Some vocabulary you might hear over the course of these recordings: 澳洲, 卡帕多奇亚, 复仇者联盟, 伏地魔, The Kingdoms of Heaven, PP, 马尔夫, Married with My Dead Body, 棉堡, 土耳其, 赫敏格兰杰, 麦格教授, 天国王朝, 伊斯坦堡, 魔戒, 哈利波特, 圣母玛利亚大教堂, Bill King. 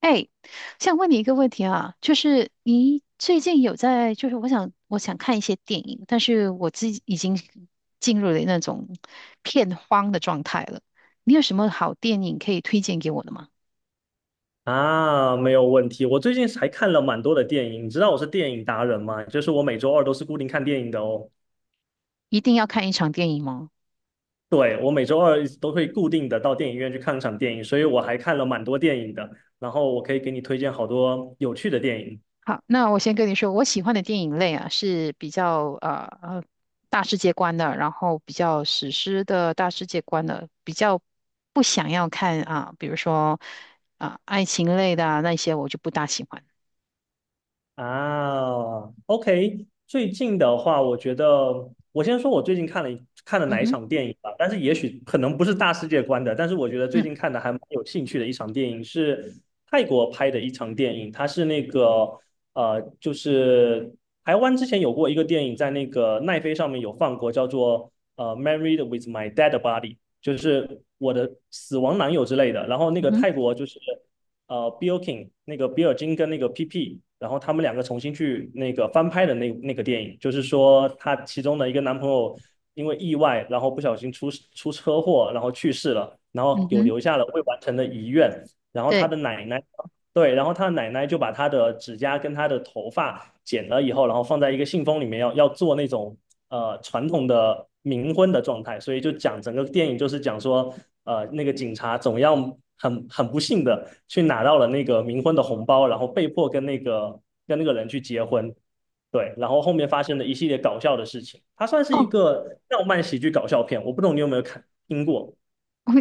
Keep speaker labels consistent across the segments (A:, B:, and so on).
A: 哎，想问你一个问题啊，就是你最近有在，就是我想看一些电影，但是我自己已经进入了那种片荒的状态了。你有什么好电影可以推荐给我的吗？
B: 啊，没有问题。我最近还看了蛮多的电影，你知道我是电影达人吗？就是我每周二都是固定看电影的哦。
A: 一定要看一场电影吗？
B: 对，我每周二都会固定的到电影院去看场电影，所以我还看了蛮多电影的。然后我可以给你推荐好多有趣的电影。
A: 好，那我先跟你说，我喜欢的电影类啊是比较大世界观的，然后比较史诗的大世界观的，比较不想要看啊，比如说啊爱情类的啊那些我就不大喜欢。
B: 啊，OK，最近的话，我觉得我先说我最近看了
A: 嗯
B: 哪一
A: 哼。
B: 场电影吧，但是也许可能不是大世界观的，但是我觉得最
A: 嗯
B: 近看的还蛮有兴趣的一场电影是泰国拍的一场电影，它是那个就是台湾之前有过一个电影在那个奈飞上面有放过，叫做《Married with My Dead Body》,就是我的死亡男友之类的，然后那
A: 嗯
B: 个
A: 哼，
B: 泰国就是。Bill King 那个比尔金跟那个 PP,然后他们两个重新去那个翻拍的那个电影，就是说她其中的一个男朋友因为意外，然后不小心出车祸，然后去世了，然后
A: 嗯
B: 有
A: 哼，
B: 留下了未完成的遗愿，然后他
A: 对
B: 的奶奶。对，然后他的奶奶就把她的指甲跟她的头发剪了以后，然后放在一个信封里面要做那种传统的冥婚的状态，所以就讲整个电影就是讲说，那个警察总要很不幸的去拿到了那个冥婚的红包，然后被迫跟那个人去结婚，对，然后后面发生了一系列搞笑的事情，它算是一
A: 哦，
B: 个浪漫喜剧搞笑片，我不懂你有没有看听过？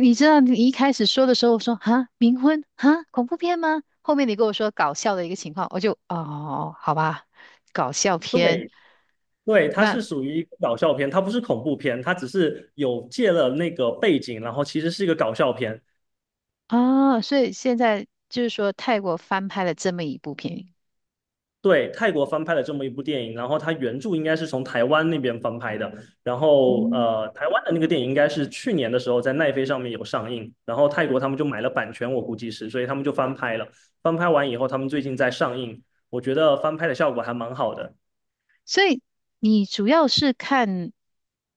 A: 你知道你一开始说的时候，我说哈冥婚哈恐怖片吗？后面你跟我说搞笑的一个情况，我就哦好吧，搞笑片
B: 对。对，它
A: 那
B: 是属于一个搞笑片，它不是恐怖片，它只是有借了那个背景，然后其实是一个搞笑片。
A: 啊、所以现在就是说泰国翻拍了这么一部片，
B: 对，泰国翻拍了这么一部电影，然后它原著应该是从台湾那边翻拍的，然后
A: 嗯，
B: 台湾的那个电影应该是去年的时候在奈飞上面有上映，然后泰国他们就买了版权，我估计是，所以他们就翻拍了。翻拍完以后，他们最近在上映，我觉得翻拍的效果还蛮好的。
A: 所以你主要是看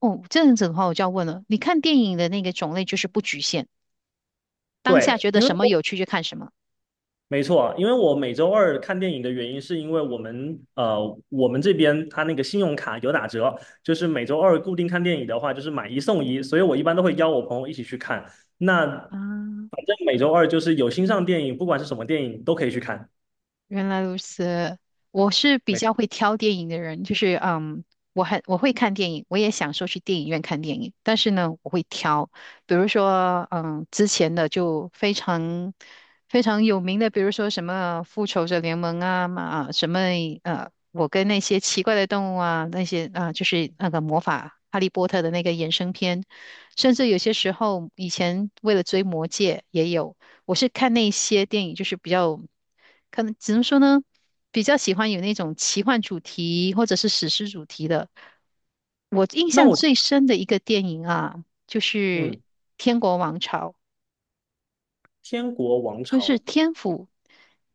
A: 哦这样子的话，我就要问了，你看电影的那个种类就是不局限，当下
B: 对，
A: 觉得
B: 因为
A: 什么
B: 我
A: 有趣就看什么
B: 没错，因为我每周二看电影的原因，是因为我们这边它那个信用卡有打折，就是每周二固定看电影的话，就是买一送一，所以我一般都会邀我朋友一起去看。那
A: 啊，
B: 反正每周二就是有新上电影，不管是什么电影都可以去看。
A: 原来如此，我是比较
B: 每
A: 会挑电影的人，就是我会看电影，我也享受去电影院看电影，但是呢，我会挑，比如说之前的就非常非常有名的，比如说什么《复仇者联盟》啊嘛啊，什么我跟那些奇怪的动物啊，那些啊，就是那个魔法《哈利波特》的那个衍生片，甚至有些时候以前为了追《魔戒》也有。我是看那些电影，就是比较，可能只能说呢，比较喜欢有那种奇幻主题或者是史诗主题的。我印
B: 那
A: 象
B: 我
A: 最深的一个电影啊，就是
B: 嗯，
A: 《天国王朝》，
B: 《天国王
A: 不
B: 朝》
A: 是天府，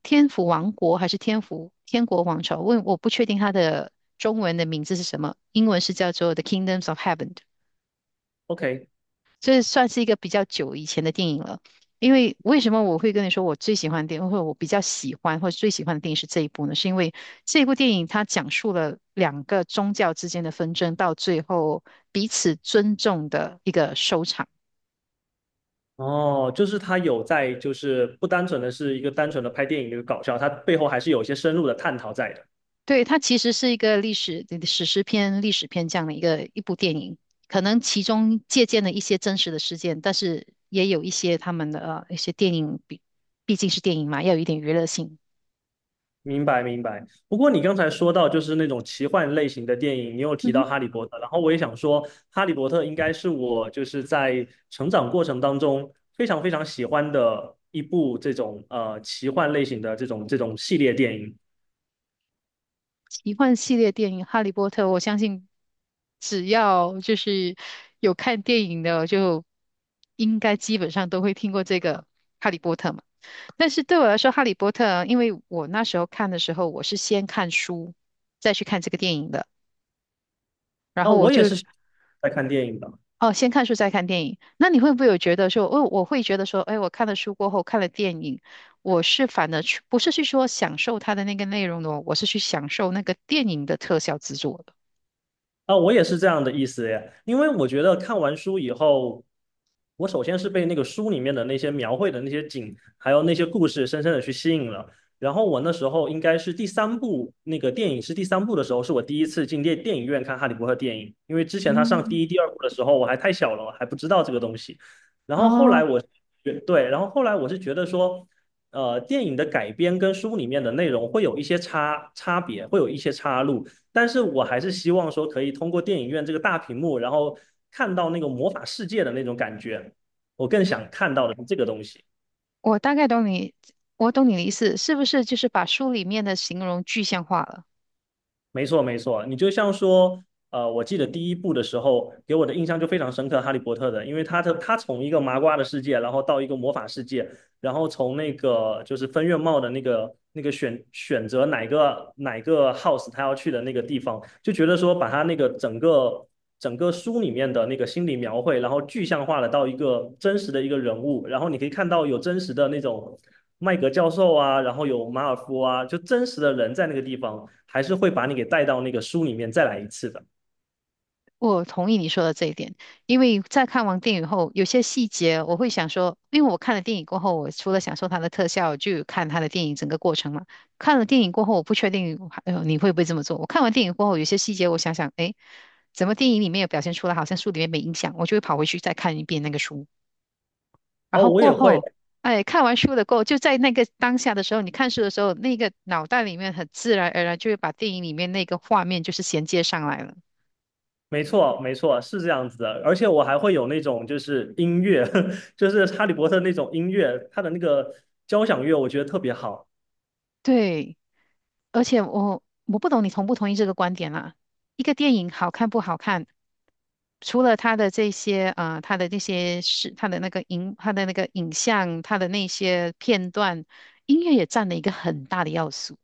A: 天府王国还是天府天国王朝？问我不确定它的中文的名字是什么，英文是叫做《The Kingdoms of Heaven》。
B: OK,
A: 这算是一个比较久以前的电影了。因为为什么我会跟你说我最喜欢的电影，或者我比较喜欢或者最喜欢的电影是这一部呢？是因为这部电影它讲述了两个宗教之间的纷争，到最后彼此尊重的一个收场。
B: 哦，就是它有在，就是不单纯的是一个单纯的拍电影的一个搞笑，它背后还是有一些深入的探讨在的。
A: 对，它其实是一个历史史诗片、历史片这样的一部电影，可能其中借鉴了一些真实的事件，但是也有一些他们的一些电影，毕竟是电影嘛，要有一点娱乐性。
B: 明白明白。不过你刚才说到就是那种奇幻类型的电影，你有提
A: 嗯
B: 到
A: 哼。
B: 《哈利波特》，然后我也想说，《哈利波特》应该是我就是在成长过程当中非常非常喜欢的一部这种奇幻类型的这种系列电影。
A: 奇幻系列电影《哈利波特》，我相信只要就是有看电影的，就应该基本上都会听过这个《哈利波特》嘛。但是对我来说，《哈利波特》因为我那时候看的时候，我是先看书，再去看这个电影的。然
B: 啊，
A: 后我
B: 我
A: 就
B: 也是在看电影的。
A: 哦，先看书再看电影。那你会不会有觉得说，哦，我会觉得说，哎，我看了书过后看了电影，我是反而去不是去说享受它的那个内容的哦，我是去享受那个电影的特效制作的。
B: 啊，我也是这样的意思耶，因为我觉得看完书以后，我首先是被那个书里面的那些描绘的那些景，还有那些故事深深的去吸引了。然后我那时候应该是第三部，那个电影是第三部的时候，是我第一次进电影院看《哈利波特》电影，因为之前他上
A: 嗯，
B: 第一、第二部的时候，我还太小了，我还不知道这个东西。然后后
A: 哦，
B: 来我是觉对，然后后来我是觉得说。电影的改编跟书里面的内容会有一些差别，会有一些岔路。但是我还是希望说可以通过电影院这个大屏幕，然后看到那个魔法世界的那种感觉。我更想看到的是这个东西。
A: 我大概懂你，我懂你的意思，是不是就是把书里面的形容具象化了？
B: 没错，没错，你就像说，我记得第一部的时候，给我的印象就非常深刻，《哈利波特》的，因为他的他从一个麻瓜的世界，然后到一个魔法世界，然后从那个就是分院帽的那个选择哪个 house 他要去的那个地方，就觉得说把他那个整个书里面的那个心理描绘，然后具象化了到一个真实的一个人物，然后你可以看到有真实的那种麦格教授啊，然后有马尔夫啊，就真实的人在那个地方，还是会把你给带到那个书里面再来一次的。
A: 我同意你说的这一点，因为在看完电影后，有些细节我会想说，因为我看了电影过后，我除了享受它的特效，就有看它的电影整个过程嘛。看了电影过后，我不确定，你会不会这么做？我看完电影过后，有些细节我想想，诶，怎么电影里面有表现出来，好像书里面没影响，我就会跑回去再看一遍那个书。然
B: 哦，
A: 后
B: 我
A: 过
B: 也会，
A: 后，哎，看完书的过后，就在那个当下的时候，你看书的时候，那个脑袋里面很自然而然就会把电影里面那个画面就是衔接上来了。
B: 没错，没错，是这样子的，而且我还会有那种就是音乐，就是哈利波特那种音乐，它的那个交响乐，我觉得特别好。
A: 对，而且我不懂你同不同意这个观点啦。一个电影好看不好看，除了它的这些它的那些是它的那个影像，它的那些片段，音乐也占了一个很大的要素。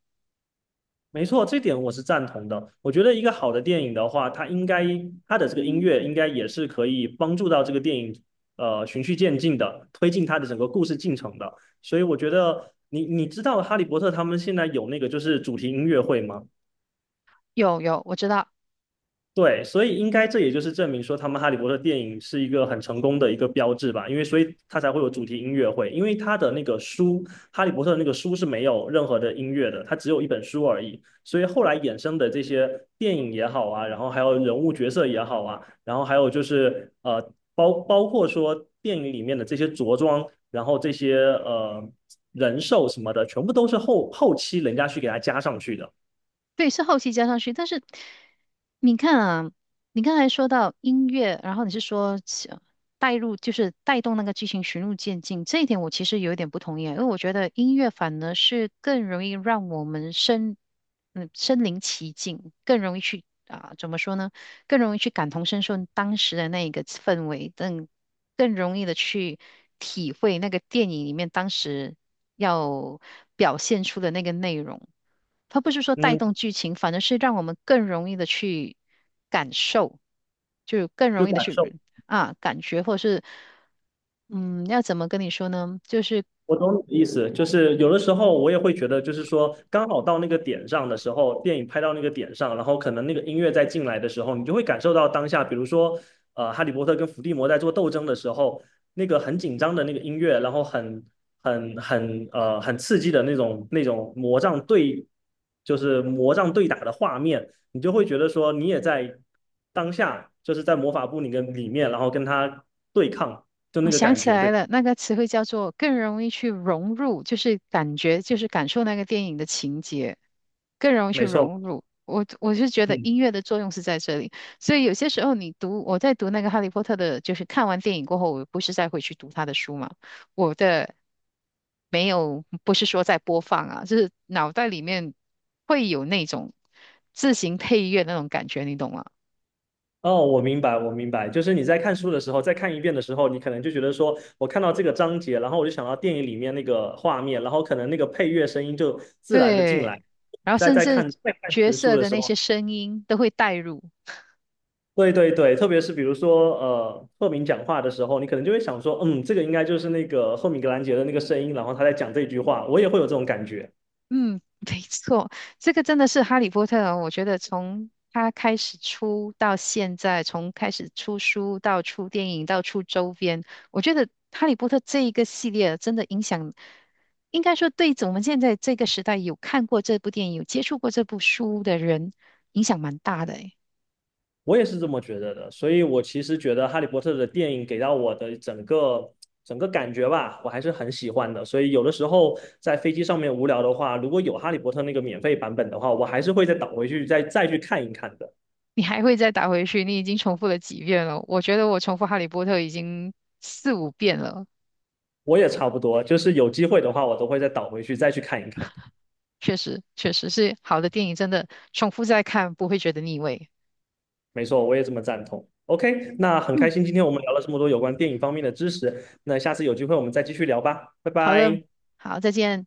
B: 没错，这点我是赞同的。我觉得一个好的电影的话，它应该它的这个音乐应该也是可以帮助到这个电影循序渐进的推进它的整个故事进程的。所以我觉得你知道哈利波特他们现在有那个就是主题音乐会吗？
A: 有有，我知道
B: 对，所以应该这也就是证明说，他们《哈利波特》电影是一个很成功的一个标志吧，因为所以它才会有主题音乐会，因为它的那个书《哈利波特》那个书是没有任何的音乐的，它只有一本书而已，所以后来衍生的这些电影也好啊，然后还有人物角色也好啊，然后还有就是包括说电影里面的这些着装，然后这些人兽什么的，全部都是后期人家去给它加上去的，
A: 对，是后期加上去，但是你看啊，你刚才说到音乐，然后你是说起带入，就是带动那个剧情循序渐进，这一点我其实有一点不同意啊，因为我觉得音乐反而是更容易让我们身临其境，更容易去啊、怎么说呢？更容易去感同身受当时的那一个氛围，更容易的去体会那个电影里面当时要表现出的那个内容。它不是说带
B: 嗯，
A: 动剧情，反而是让我们更容易的去感受，就更
B: 就
A: 容易的
B: 感受。
A: 去啊感觉，或者是嗯，要怎么跟你说呢？就是
B: 我懂你的意思，就是有的时候我也会觉得，就是说刚好到那个点上的时候，电影拍到那个点上，然后可能那个音乐再进来的时候，你就会感受到当下，比如说，哈利波特跟伏地魔在做斗争的时候，那个很紧张的那个音乐，然后很刺激的那种魔杖对，就是魔杖对打的画面，你就会觉得说你也在当下，就是在魔法部里跟里面，然后跟他对抗，就
A: 我
B: 那个
A: 想
B: 感
A: 起
B: 觉，
A: 来
B: 对，
A: 了，那个词汇叫做更容易去融入，就是感觉，就是感受那个电影的情节，更容易去
B: 没错。
A: 融入。我是觉得
B: 嗯。
A: 音乐的作用是在这里，所以有些时候你读，我在读那个《哈利波特》的，就是看完电影过后，我不是再回去读他的书嘛，我的没有，不是说在播放啊，就是脑袋里面会有那种自行配乐那种感觉，你懂吗？
B: 哦，我明白，我明白，就是你在看书的时候，再看一遍的时候，你可能就觉得说，我看到这个章节，然后我就想到电影里面那个画面，然后可能那个配乐声音就自然的进
A: 对，
B: 来。
A: 然后
B: 在
A: 甚
B: 在
A: 至
B: 看在看这
A: 角
B: 本书
A: 色
B: 的
A: 的
B: 时
A: 那些
B: 候，
A: 声音都会带入。
B: 对对对，特别是比如说赫敏讲话的时候，你可能就会想说，嗯，这个应该就是那个赫敏格兰杰的那个声音，然后他在讲这句话，我也会有这种感觉。
A: 嗯，没错，这个真的是《哈利波特》哦。我觉得从他开始出到现在，从开始出书到出电影到出周边，我觉得《哈利波特》这一个系列真的影响，应该说对我们现在这个时代有看过这部电影、有接触过这部书的人，影响蛮大的诶。
B: 我也是这么觉得的，所以我其实觉得《哈利波特》的电影给到我的整个感觉吧，我还是很喜欢的。所以有的时候在飞机上面无聊的话，如果有《哈利波特》那个免费版本的话，我还是会再倒回去再去看一看的。
A: 你还会再打回去，你已经重复了几遍了。我觉得我重复《哈利波特》已经四五遍了，
B: 我也差不多，就是有机会的话，我都会再倒回去再去看一看的。
A: 确实，确实是好的电影，真的重复再看不会觉得腻味。
B: 没错，我也这么赞同。OK,那很开
A: 嗯，
B: 心今天我们聊了这么多有关电影方面的知识，那下次有机会我们再继续聊吧，拜
A: 好的，
B: 拜。
A: 好，再见。